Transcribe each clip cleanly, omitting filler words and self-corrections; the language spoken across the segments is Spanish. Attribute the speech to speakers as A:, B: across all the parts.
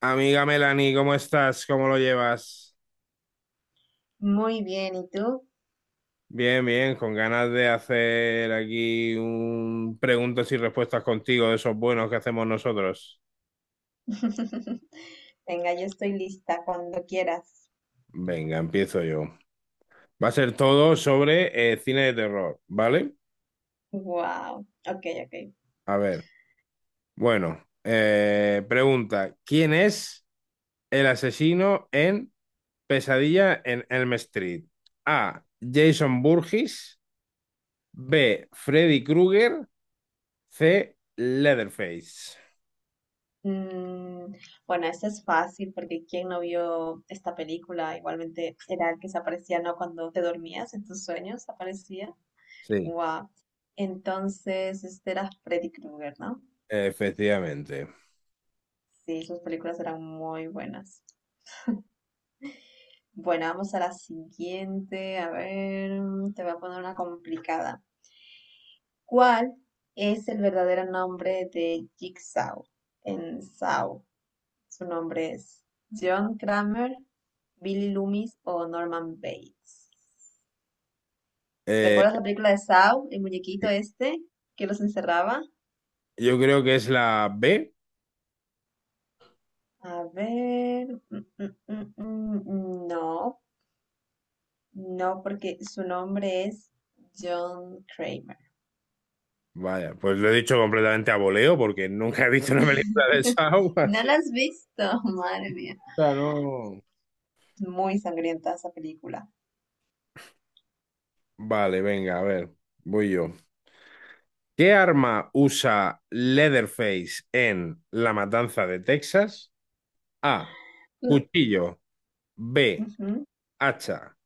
A: Amiga Melanie, ¿cómo estás? ¿Cómo lo llevas?
B: Muy bien, ¿y tú?
A: Bien, bien, con ganas de hacer aquí un preguntas y respuestas contigo de esos buenos que hacemos nosotros.
B: Venga, yo estoy lista cuando quieras.
A: Venga, empiezo yo. Va a ser todo sobre cine de terror, ¿vale?
B: Wow, ok, ok.
A: A ver, bueno, pregunta, ¿quién es el asesino en Pesadilla en Elm Street? A. Jason Burgess, B. Freddy Krueger, C. Leatherface.
B: Mm, bueno, esta es fácil porque ¿quién no vio esta película? Igualmente era el que se aparecía, ¿no? Cuando te dormías en tus sueños aparecía.
A: Sí.
B: Wow. Entonces, este era Freddy Krueger, ¿no?
A: Efectivamente.
B: Sí, sus películas eran muy buenas. Bueno, vamos a la siguiente. A ver, te voy a poner una complicada. ¿Cuál es el verdadero nombre de Jigsaw en Saw? Su nombre es John Kramer, Billy Loomis o Norman Bates.
A: Eh,
B: ¿Recuerdas la película de Saw, el muñequito este que los encerraba?
A: yo creo que es la B.
B: A ver, no, no, porque su nombre es John Kramer.
A: Vaya, pues lo he dicho completamente a voleo porque nunca he visto una película de Saw,
B: ¿No
A: así.
B: la has visto? Madre mía.
A: Claro.
B: Muy sangrienta esa película.
A: Vale, venga, a ver, voy yo. ¿Qué arma usa Leatherface en La Matanza de Texas? A.
B: Mm,
A: Cuchillo. B.
B: ujú.
A: Hacha.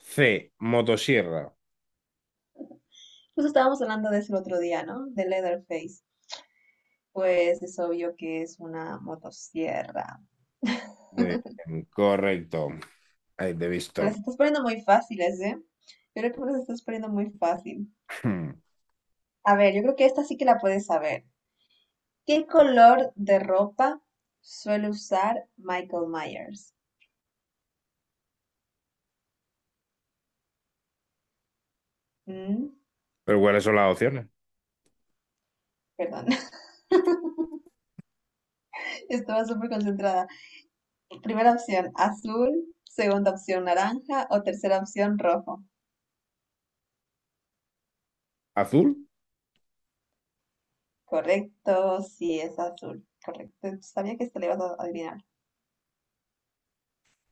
A: C. Motosierra.
B: Justo estábamos hablando de eso el otro día, ¿no? De Leatherface. Pues es obvio que es una motosierra.
A: Muy bien, correcto. Ahí te he
B: Me las
A: visto.
B: estás poniendo muy fáciles, ¿eh? Yo creo que me las estás poniendo muy fácil.
A: Hmm.
B: A ver, yo creo que esta sí que la puedes saber. ¿Qué color de ropa suele usar Michael Myers? Mm,
A: ¿Pero cuáles son las opciones?
B: Perdón, estaba súper concentrada. Primera opción, azul. Segunda opción, naranja. O tercera opción, rojo.
A: ¿Azul?
B: Correcto, sí, es azul. Correcto. Sabía que esta le ibas a adivinar.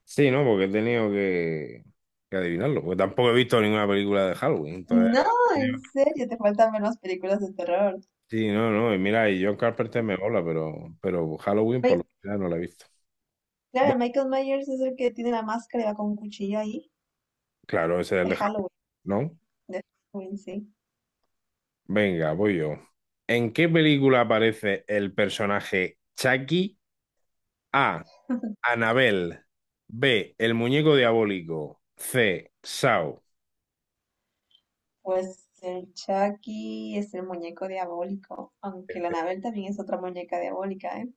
A: Sí, ¿no? Porque he tenido que adivinarlo. Porque tampoco he visto ninguna película de Halloween. Entonces,
B: No,
A: he
B: en
A: tenido-
B: serio, te faltan ver las películas de terror.
A: sí, no, no. Y mira, y John Carpenter me mola, pero Halloween por
B: Mi-
A: lo general no la he visto.
B: claro,
A: Bueno,
B: Michael Myers es el que tiene la máscara y va con un cuchillo ahí,
A: claro, ese es el
B: de
A: de
B: Halloween,
A: Halloween, ¿no?
B: de Halloween, sí.
A: Venga, voy yo. ¿En qué película aparece el personaje Chucky? A. Anabel. B. El muñeco diabólico. C. Saw.
B: Pues el Chucky es el muñeco diabólico, aunque la Anabel también es otra muñeca diabólica, ¿eh?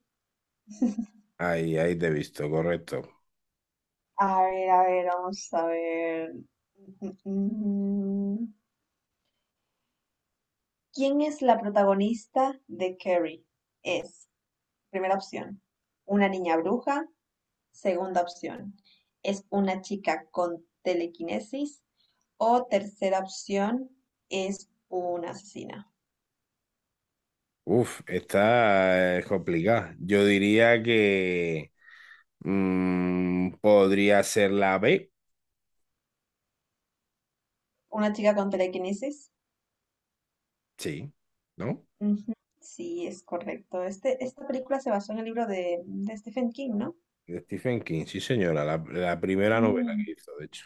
A: Ahí, ahí te he visto, correcto.
B: A ver, vamos a ver. Mm, mm, mm. ¿Quién es la protagonista de Carrie? Es, primera opción, una niña bruja. Segunda opción: es una chica con telequinesis. O tercera opción, es una asesina.
A: Uf, está complicada. Yo diría que podría ser la B,
B: Una chica con telequinesis.
A: sí, ¿no?
B: Ujú, sí, es correcto. Este, esta película se basó en el libro de Stephen King, ¿no?
A: De Stephen King, sí, señora, la primera novela
B: Mm,
A: que hizo, de hecho.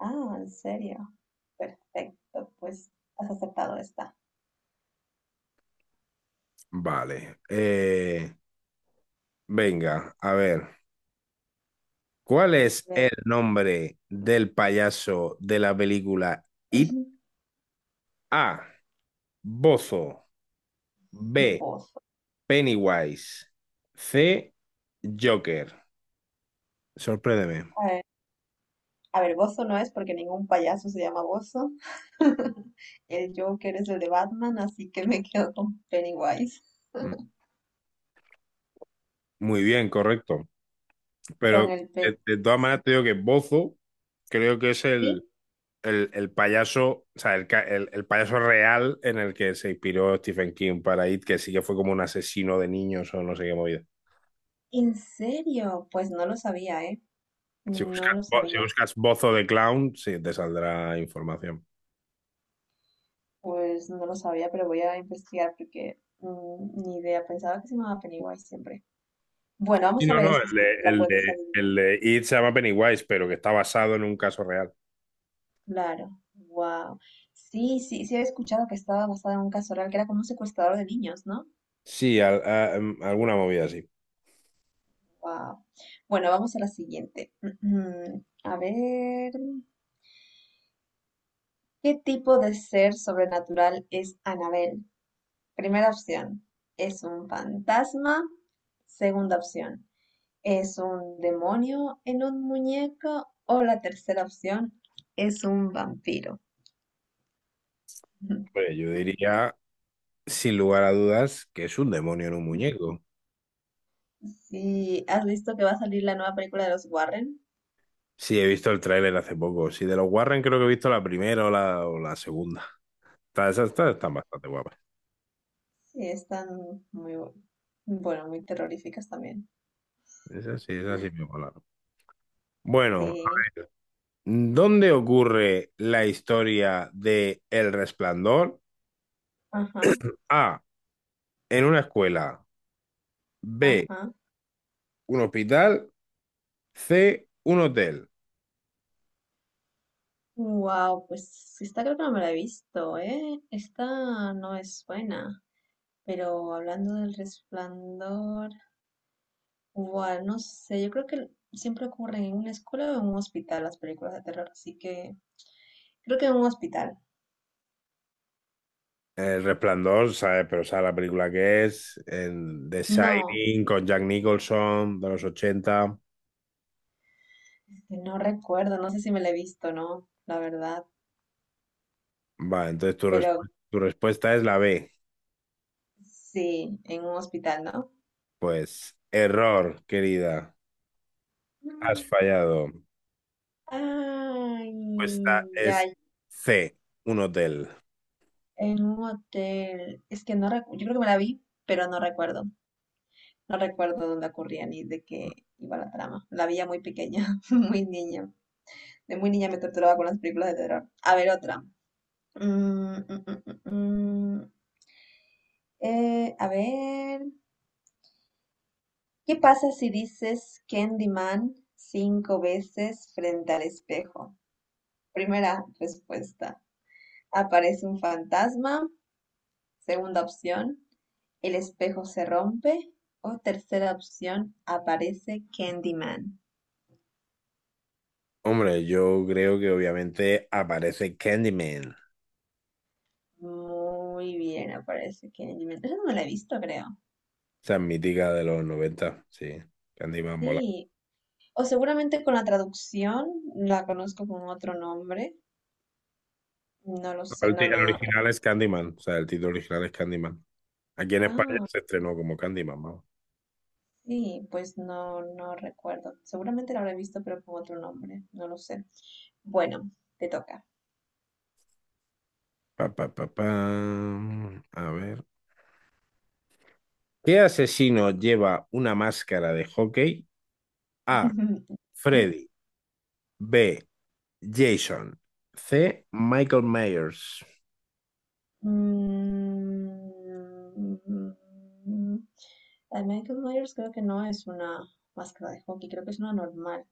B: Ah, en serio. Perfecto, pues has aceptado esta.
A: Vale. Venga, a ver. ¿Cuál es
B: Ven,
A: el nombre del payaso de la película It? A. Bozo. B.
B: vos.
A: Pennywise. C. Joker. Sorpréndeme.
B: A ver, Bozo no es porque ningún payaso se llama Bozo. El Joker es el de Batman, así que me quedo con Pennywise.
A: Mm. Muy bien, correcto. Pero
B: Con el Penny.
A: de todas maneras te digo que Bozo creo que es
B: ¿Sí?
A: el payaso, o sea, el payaso real en el que se inspiró Stephen King para It, que sí que fue como un asesino de niños o no sé qué movida.
B: ¿En serio? Pues no lo sabía, ¿eh?
A: Si
B: No
A: buscas,
B: lo
A: si
B: sabía.
A: buscas Bozo de Clown, sí, te saldrá información.
B: Pues no lo sabía, pero voy a investigar porque ni idea. Pensaba que se llamaba Pennywise siempre. Bueno,
A: Y
B: vamos a
A: no,
B: ver
A: no,
B: esta, si la puedes adivinar.
A: el de It se llama Pennywise, pero que está basado en un caso real.
B: Claro. Wow. Sí, sí, sí había escuchado que estaba basada en un caso real, que era como un secuestrador de niños, ¿no?
A: Sí, alguna movida así.
B: Wow. Bueno, vamos a la siguiente. A ver, ¿qué tipo de ser sobrenatural es Anabel? Primera opción, ¿es un fantasma? Segunda opción, ¿es un demonio en un muñeco? O la tercera opción, ¿es un vampiro?
A: Hombre, yo diría, sin lugar a dudas, que es un demonio en un muñeco.
B: Sí, ¿has visto que va a salir la nueva película de los Warren?
A: Sí, he visto el tráiler hace poco. Sí, de los Warren creo que he visto la primera o o la segunda. Esas están bastante guapas.
B: Sí, están muy, bueno, muy terroríficas también.
A: Esas sí me molaron. Bueno, a
B: Sí,
A: ver. ¿Dónde ocurre la historia de El Resplandor?
B: ajá,
A: A. En una escuela. B.
B: ajá.
A: Un hospital. C. Un hotel.
B: Wow, pues esta creo que no me la he visto, ¿eh? Esta no es buena. Pero hablando del resplandor, wow, no sé, yo creo que siempre ocurren en una escuela o en un hospital las películas de terror, así que creo que en un hospital.
A: El Resplandor, ¿sabes? Pero sabes la película que es. El The
B: No,
A: Shining con Jack Nicholson de los 80.
B: este, no recuerdo, no sé si me la he visto, ¿no? La verdad,
A: Vale, entonces
B: pero
A: tu respuesta es la B.
B: sí, en un hospital, ¿no?
A: Pues error, querida. Has
B: Mm.
A: fallado.
B: Ay,
A: Esta
B: ya,
A: es C, un hotel.
B: en un hotel. Es que no recuerdo, yo creo que me la vi, pero no recuerdo. No recuerdo dónde ocurría ni de qué iba la trama. La veía muy pequeña, muy niña. De muy niña me torturaba con las películas de terror. A ver, otra. Mm, mm, mm, mm, mm. A ver. ¿Qué pasa si dices Candyman cinco veces frente al espejo? Primera respuesta. Aparece un fantasma. Segunda opción. El espejo se rompe. O tercera opción. Aparece Candyman.
A: Hombre, yo creo que obviamente aparece Candyman.
B: Muy bien, aparece Kenji. Mientras no la he visto, creo.
A: Esa mítica de los noventa. Sí. Candyman mola.
B: Sí. O seguramente con la traducción la conozco con otro nombre. No lo
A: No,
B: sé. No, no,
A: El
B: no.
A: original es Candyman, o sea, el título original es Candyman. Aquí en España
B: Ah,
A: se estrenó como Candyman, vamos.
B: sí, pues no, no recuerdo. Seguramente la habré visto, pero con otro nombre. No lo sé. Bueno, te toca.
A: Pa, pa, pa, pam. A ver. ¿Qué asesino lleva una máscara de hockey? A. Freddy. B. Jason. C. Michael Myers.
B: Mm, La de Michael Myers creo que no es una máscara de hockey, creo que es una normal.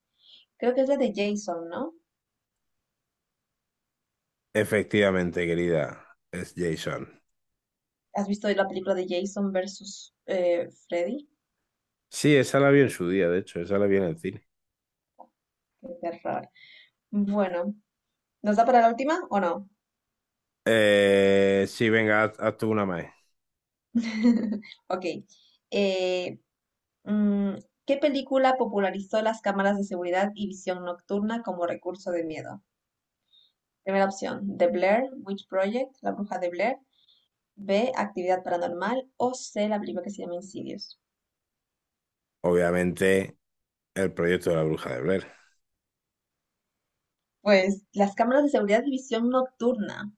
B: Creo que es la de Jason, ¿no?
A: Efectivamente, querida, es Jason.
B: ¿Has visto la película de Jason versus Freddy?
A: Sí, esa la vi en su día, de hecho, esa la vi en el cine.
B: Qué terror. Bueno, ¿nos da para la última o no?
A: Sí, venga, haz tú una más.
B: Ok. eh, mm, ¿Qué película popularizó las cámaras de seguridad y visión nocturna como recurso de miedo? Primera opción, The Blair Witch Project, La Bruja de Blair. B, Actividad Paranormal. O C, la película que se llama Insidious.
A: Obviamente, el proyecto de la bruja de Blair.
B: Pues las cámaras de seguridad y visión nocturna.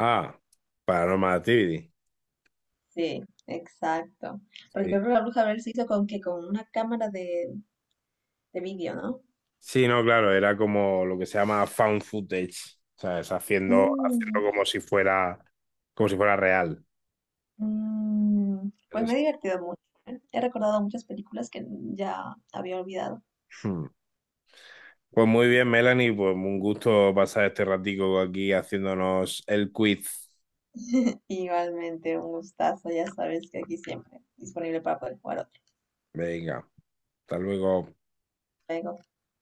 A: Ah, Paranormal Activity.
B: Sí, exacto. Porque
A: Sí.
B: creo que la Bruja de Blair se hizo con que con una cámara de vídeo, ¿no?
A: Sí, no, claro, era como lo que se llama found footage. O sea, es
B: Mm,
A: haciendo como si fuera real.
B: Pues
A: Es-
B: me he divertido mucho. ¿Eh? He recordado muchas películas que ya había olvidado.
A: Pues muy bien, Melanie, pues un gusto pasar este ratico aquí haciéndonos el quiz.
B: Igualmente, un gustazo, ya sabes que aquí siempre disponible para poder jugar otro
A: Venga, hasta luego.
B: juego.